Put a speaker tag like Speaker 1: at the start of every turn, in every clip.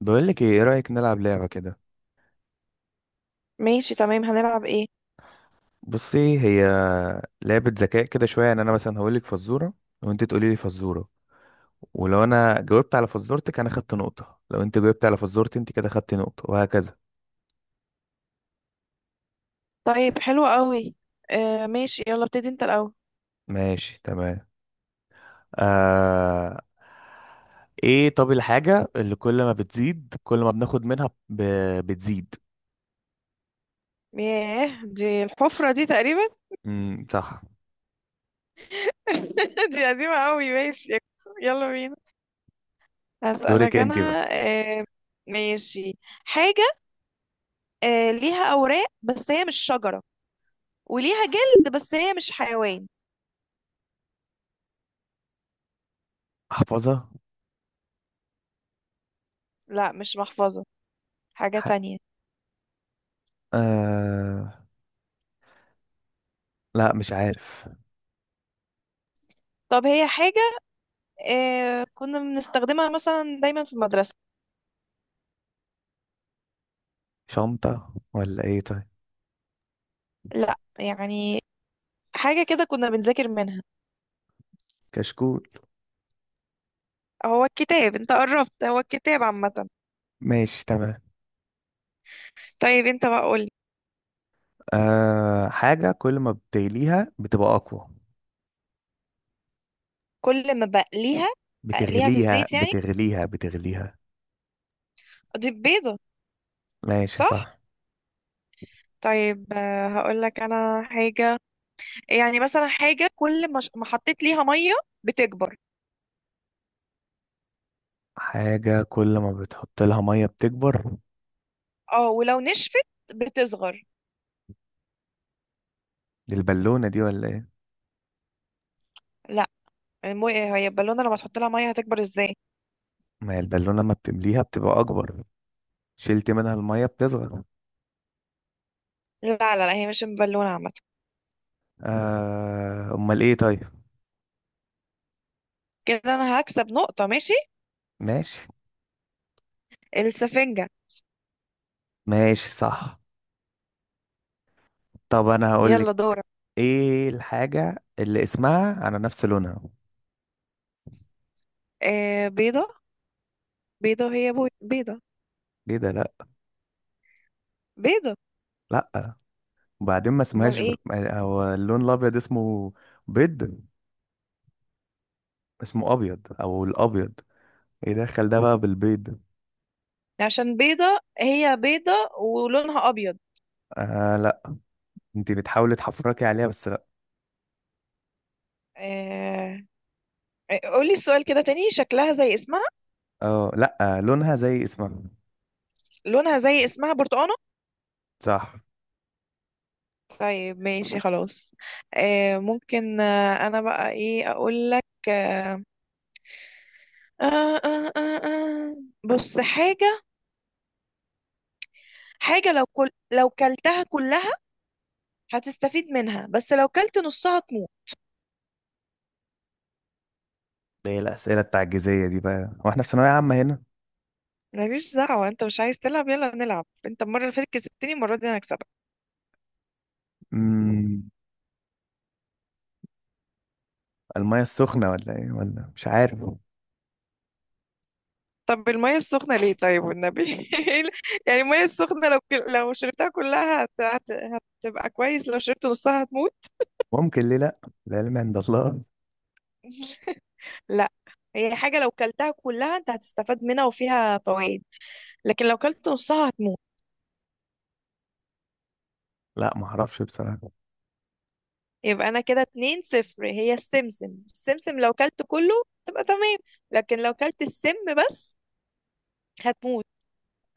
Speaker 1: بقولك ايه. إيه رأيك نلعب لعبة كده؟
Speaker 2: ماشي، تمام. هنلعب ايه؟
Speaker 1: بصي، هي لعبة ذكاء كده شوية، يعني انا مثلا هقولك فزورة وانت تقولي لي فزورة. ولو انا جاوبت على فزورتك انا خدت نقطة، لو انت جاوبت على فزورتي انت كده خدت نقطة، وهكذا.
Speaker 2: طيب، حلو قوي. آه ماشي، يلا ابتدي انت الاول.
Speaker 1: ماشي تمام. آه... ايه، طب الحاجة اللي كل ما بتزيد كل ما بناخد منها بتزيد.
Speaker 2: ياه، دي الحفرة دي تقريبا.
Speaker 1: صح.
Speaker 2: دي قديمة قوي. ماشي، يلا بينا.
Speaker 1: دورك
Speaker 2: هسألك انا.
Speaker 1: انت بقى.
Speaker 2: آه ماشي. حاجة. آه، ليها اوراق بس هي مش شجرة، وليها جلد بس هي مش حيوان.
Speaker 1: احفظها.
Speaker 2: لا، مش محفظة. حاجة
Speaker 1: ح...
Speaker 2: تانية.
Speaker 1: آه... لا مش عارف.
Speaker 2: طب هي حاجة. آه، كنا بنستخدمها مثلا دايما في المدرسة.
Speaker 1: شنطة ولا ايه؟ طيب،
Speaker 2: لا، يعني حاجة كده كنا بنذاكر منها.
Speaker 1: كشكول.
Speaker 2: هو الكتاب، انت قربت، هو الكتاب عامة.
Speaker 1: ماشي تمام.
Speaker 2: طيب انت بقى قولي.
Speaker 1: أه، حاجة كل ما بتغليها بتبقى أقوى.
Speaker 2: كل ما بقليها. اقليها في
Speaker 1: بتغليها
Speaker 2: الزيت يعني.
Speaker 1: بتغليها بتغليها.
Speaker 2: اضيف بيضة.
Speaker 1: ماشي
Speaker 2: صح؟
Speaker 1: صح.
Speaker 2: طيب، هقولك انا حاجة. يعني مثلا حاجة كل ما ما حطيت ليها مية، بتكبر.
Speaker 1: حاجة كل ما بتحط لها مية بتكبر.
Speaker 2: اه، ولو نشفت، بتصغر.
Speaker 1: دي البالونة دي ولا ايه؟
Speaker 2: لا، هي البالونة لما تحط لها مية هتكبر ازاي؟
Speaker 1: ما هي البالونة لما بتمليها بتبقى أكبر، شلت منها المية بتصغر.
Speaker 2: لا لا لا، هي مش بالونة عامة.
Speaker 1: آه، أمال ايه طيب؟
Speaker 2: كده انا هكسب نقطة، ماشي.
Speaker 1: ماشي
Speaker 2: السفنجة.
Speaker 1: ماشي صح. طب أنا هقولك،
Speaker 2: يلا دورك.
Speaker 1: ايه الحاجة اللي اسمها على نفس لونها؟
Speaker 2: آه، بيضة. بيضة هي بيضة.
Speaker 1: ايه ده؟ لأ.
Speaker 2: بيضة.
Speaker 1: لأ، وبعدين ما
Speaker 2: امال
Speaker 1: اسمهاش
Speaker 2: ايه؟
Speaker 1: هو اللون الأبيض اسمه بيض. اسمه ابيض او الابيض، يدخل ده بقى بالبيض.
Speaker 2: عشان بيضة، هي بيضة ولونها أبيض.
Speaker 1: آه لا، انت بتحاولي تحفركي عليها بس لا.
Speaker 2: آه... آه، قولي السؤال كده تاني. شكلها زي اسمها.
Speaker 1: اه لا، آه لونها زي اسمها.
Speaker 2: لونها زي اسمها، برتقانة.
Speaker 1: صح.
Speaker 2: طيب ماشي خلاص. أنا بقى إيه أقول لك؟ آه... آه... آه... آه... بص حاجة. حاجة لو كلتها كلها هتستفيد منها، بس لو كلت نصها تموت.
Speaker 1: ده هي الاسئله التعجيزيه دي بقى؟ هو احنا في ثانويه عامه هنا؟
Speaker 2: ماليش دعوة، انت مش عايز تلعب؟ يلا نلعب، انت المرة اللي فاتت كسبتني، المرة دي انا هكسبك.
Speaker 1: امم الميه السخنه ولا ايه؟ ولا مش عارف،
Speaker 2: طب المية السخنة ليه طيب والنبي؟ إيه يعني المية السخنة لو لو شربتها كلها هتبقى كويس، لو شربت نصها هتموت.
Speaker 1: ممكن ليه لا. العلم عند الله.
Speaker 2: لا، هي حاجة لو كلتها كلها انت هتستفاد منها وفيها فوائد، لكن لو كلت نصها هتموت.
Speaker 1: لا ما اعرفش بصراحه.
Speaker 2: يبقى انا كده 2-0. هي السمسم. السمسم لو كلت كله تبقى تمام، لكن لو كلت السم بس هتموت.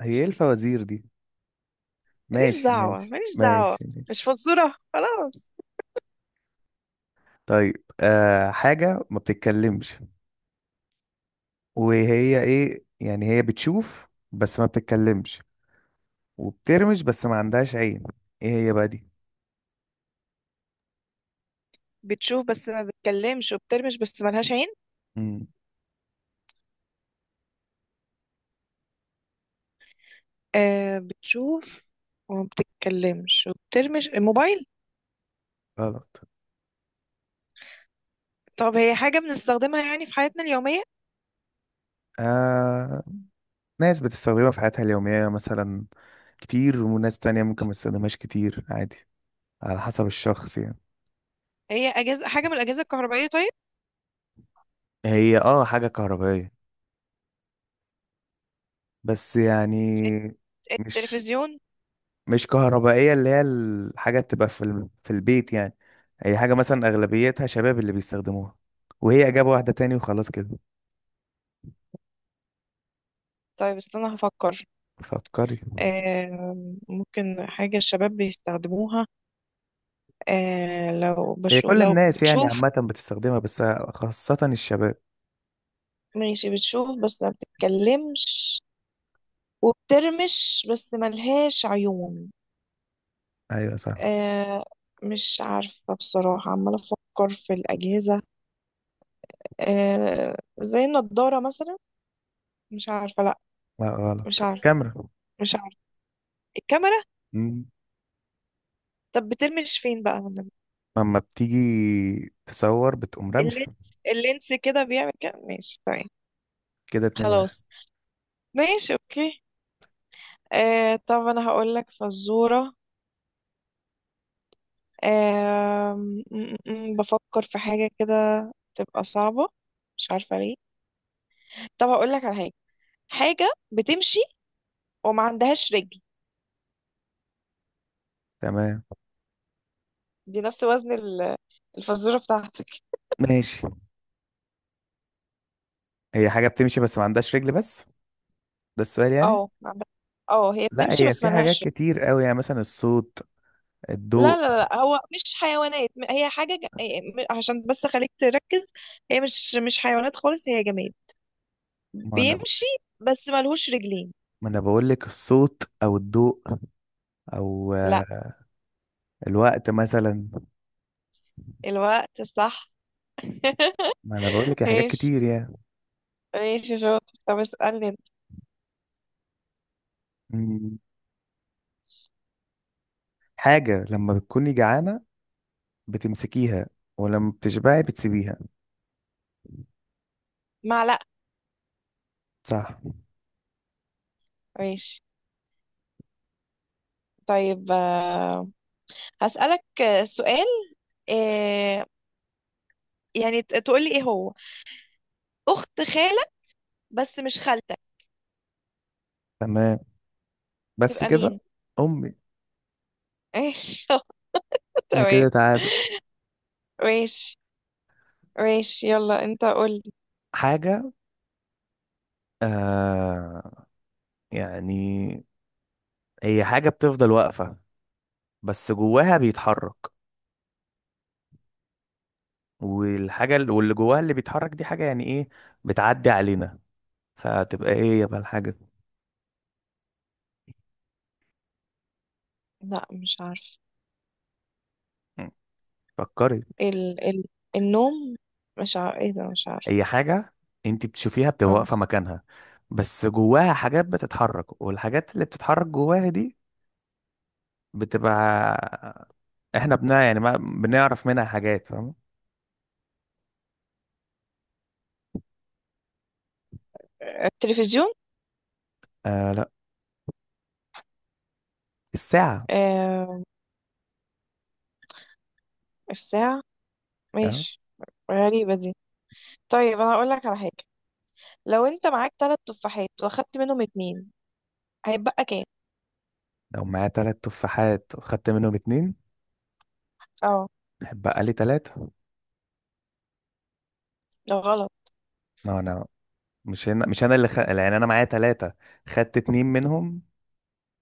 Speaker 1: هي ايه الفوازير دي؟
Speaker 2: ماليش
Speaker 1: ماشي
Speaker 2: دعوة،
Speaker 1: ماشي
Speaker 2: ماليش دعوة.
Speaker 1: ماشي.
Speaker 2: مش فزورة خلاص.
Speaker 1: طيب آه، حاجه ما بتتكلمش. وهي ايه يعني، هي بتشوف بس ما بتتكلمش، وبترمش بس ما عندهاش عين. ايه هي بقى دي؟
Speaker 2: بتشوف بس ما بتكلمش، وبترمش بس ملهاش عين.
Speaker 1: مم.
Speaker 2: آه، بتشوف وما بتتكلمش وبترمي الموبايل.
Speaker 1: غلط.
Speaker 2: طب هي حاجة بنستخدمها يعني في حياتنا اليومية.
Speaker 1: آه... ناس بتستخدمها في حياتها اليومية مثلا كتير، وناس تانية ممكن ما تستخدمهاش كتير، عادي، على حسب الشخص يعني.
Speaker 2: هي أجهزة، حاجة من الأجهزة الكهربائية طيب.
Speaker 1: هي اه حاجة كهربائية بس يعني،
Speaker 2: الت-
Speaker 1: مش
Speaker 2: التلفزيون.
Speaker 1: مش كهربائية اللي هي الحاجة تبقى في في البيت يعني. هي حاجة مثلا أغلبيتها شباب اللي بيستخدموها. وهي إجابة واحدة تاني وخلاص كده.
Speaker 2: طيب استنى هفكر.
Speaker 1: فكري.
Speaker 2: آه، ممكن حاجة الشباب بيستخدموها. آه لو
Speaker 1: هي كل
Speaker 2: لو
Speaker 1: الناس يعني
Speaker 2: بتشوف.
Speaker 1: عامة بتستخدمها، بس خاصة الشباب.
Speaker 2: ماشي، بتشوف بس ما بتتكلمش، وبترمش بس ملهاش عيون.
Speaker 1: أيوة صح.
Speaker 2: آه، مش عارفة بصراحة، عمالة أفكر في الأجهزة. آه زي النضارة مثلا، مش عارفة. لا،
Speaker 1: لا غلط،
Speaker 2: مش عارفة.
Speaker 1: الكاميرا.
Speaker 2: مش عارفة. الكاميرا.
Speaker 1: مم.
Speaker 2: طب بترمش فين بقى والنبي؟
Speaker 1: لما بتيجي تصور بتقوم
Speaker 2: اللين-
Speaker 1: رمشة.
Speaker 2: اللينس كده بيعمل كده، ماشي تمام.
Speaker 1: كده 2-1.
Speaker 2: خلاص، ماشي اوكي. آه، طب انا هقول لك فزورة. بفكر في حاجة كده تبقى صعبة، مش عارفة ليه. طب هقول لك على حاجة. حاجة بتمشي وما عندهاش رجل.
Speaker 1: تمام
Speaker 2: دي نفس وزن الفزورة بتاعتك.
Speaker 1: ماشي. هي حاجة بتمشي بس ما عندهاش رجل بس، ده السؤال يعني.
Speaker 2: اه، ما عندها- اه هي
Speaker 1: لا،
Speaker 2: بتمشي
Speaker 1: هي
Speaker 2: بس
Speaker 1: في حاجات
Speaker 2: ملهاش.
Speaker 1: كتير قوي، يعني مثلا الصوت،
Speaker 2: لا
Speaker 1: الضوء.
Speaker 2: لا لا، هو مش حيوانات. هي حاجة إيه، عشان بس أخليك تركز. هي مش حيوانات خالص، هي جماد
Speaker 1: ما انا
Speaker 2: بيمشي بس ملهوش رجلين.
Speaker 1: ما انا بقول لك الصوت او الضوء او
Speaker 2: لا.
Speaker 1: الوقت مثلا.
Speaker 2: الوقت. صح.
Speaker 1: ما انا بقول لك حاجات
Speaker 2: ماشي
Speaker 1: كتير يعني.
Speaker 2: ماشي، شاطر. طب اسألني انت.
Speaker 1: مم. حاجة لما بتكوني جعانة بتمسكيها، ولما بتشبعي بتسيبيها.
Speaker 2: معلقة.
Speaker 1: صح.
Speaker 2: ماشي. طيب هسألك سؤال. آه، يعني تقولي ايه هو أخت خالك بس مش خالتك
Speaker 1: تمام، بس
Speaker 2: تبقى
Speaker 1: كده؟
Speaker 2: مين؟
Speaker 1: امي.
Speaker 2: ماشي.
Speaker 1: احنا
Speaker 2: تمام.
Speaker 1: كده تعادل.
Speaker 2: ماشي ماشي، يلا انت قول.
Speaker 1: حاجة، آه، يعني، هي حاجة بتفضل واقفة بس جواها بيتحرك. والحاجة واللي جواها اللي بيتحرك دي حاجة يعني ايه، بتعدي علينا. فتبقى ايه، يبقى الحاجة؟
Speaker 2: لا، مش عارف.
Speaker 1: مم. فكري.
Speaker 2: ال... ال... النوم. مش عارف ايه ده، مش عارف.
Speaker 1: هي حاجة انت بتشوفيها بتبقى
Speaker 2: اه،
Speaker 1: واقفة مكانها، بس جواها حاجات بتتحرك. والحاجات اللي بتتحرك جواها دي بتبقى احنا بنا يعني ما بنعرف منها حاجات، فاهم؟
Speaker 2: التلفزيون.
Speaker 1: آه لا، الساعة.
Speaker 2: آه، الساعة.
Speaker 1: آه،
Speaker 2: ماشي. غريبة دي. طيب انا هقول لك على حاجة. لو انت معاك ثلاث تفاحات واخدت منهم اتنين، هيتبقى كام؟
Speaker 1: لو معايا تلات تفاحات وخدت منهم اتنين
Speaker 2: اه.
Speaker 1: بقى لي ثلاثة.
Speaker 2: ده غلط.
Speaker 1: ما هو انا مش هنا، مش انا اللي يعني انا معايا ثلاثة، خدت اتنين منهم،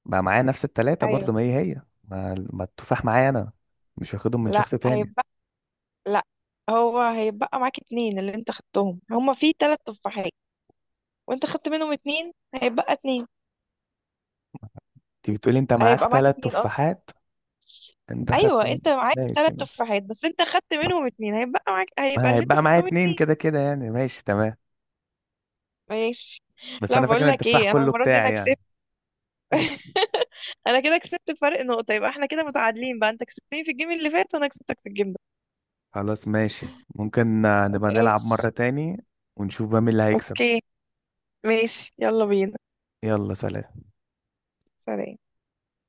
Speaker 1: بقى معايا نفس الثلاثة
Speaker 2: ايوه.
Speaker 1: برضو، ما هي هي، ما التفاح معايا انا، مش واخدهم من
Speaker 2: لا،
Speaker 1: شخص تاني.
Speaker 2: هيتبقى. لا، هو هيتبقى معاك اتنين. اللي انت خدتهم هما في ثلاث تفاحات، وانت خدت منهم اتنين، هيتبقى اتنين.
Speaker 1: انت بتقولي انت معاك
Speaker 2: هيبقى معاك
Speaker 1: ثلاث
Speaker 2: اتنين قصدي.
Speaker 1: تفاحات، انت خدت
Speaker 2: ايوه
Speaker 1: من.
Speaker 2: انت معاك
Speaker 1: ماشي،
Speaker 2: ثلاث
Speaker 1: ما
Speaker 2: تفاحات بس انت خدت منهم اتنين، هيبقى معاك، هيبقى
Speaker 1: ما
Speaker 2: اللي انت
Speaker 1: هيبقى معايا
Speaker 2: خدتهم
Speaker 1: اتنين
Speaker 2: اتنين.
Speaker 1: كده كده يعني، ماشي تمام.
Speaker 2: ماشي.
Speaker 1: بس
Speaker 2: لا،
Speaker 1: انا فاكر
Speaker 2: بقول
Speaker 1: ان
Speaker 2: لك
Speaker 1: التفاح
Speaker 2: ايه، انا
Speaker 1: كله
Speaker 2: المره دي انا
Speaker 1: بتاعي
Speaker 2: كسبت.
Speaker 1: يعني.
Speaker 2: انا كده كسبت بفرق نقطه. يبقى احنا كده متعادلين بقى، انت كسبتني في الجيم اللي فات وانا كسبتك في الجيم ده.
Speaker 1: خلاص ماشي، ممكن آه، نبقى نلعب
Speaker 2: ماشي
Speaker 1: مرة تاني ونشوف بقى مين اللي هيكسب.
Speaker 2: اوكي. ماشي، يلا بينا.
Speaker 1: يلا سلام.
Speaker 2: سلام.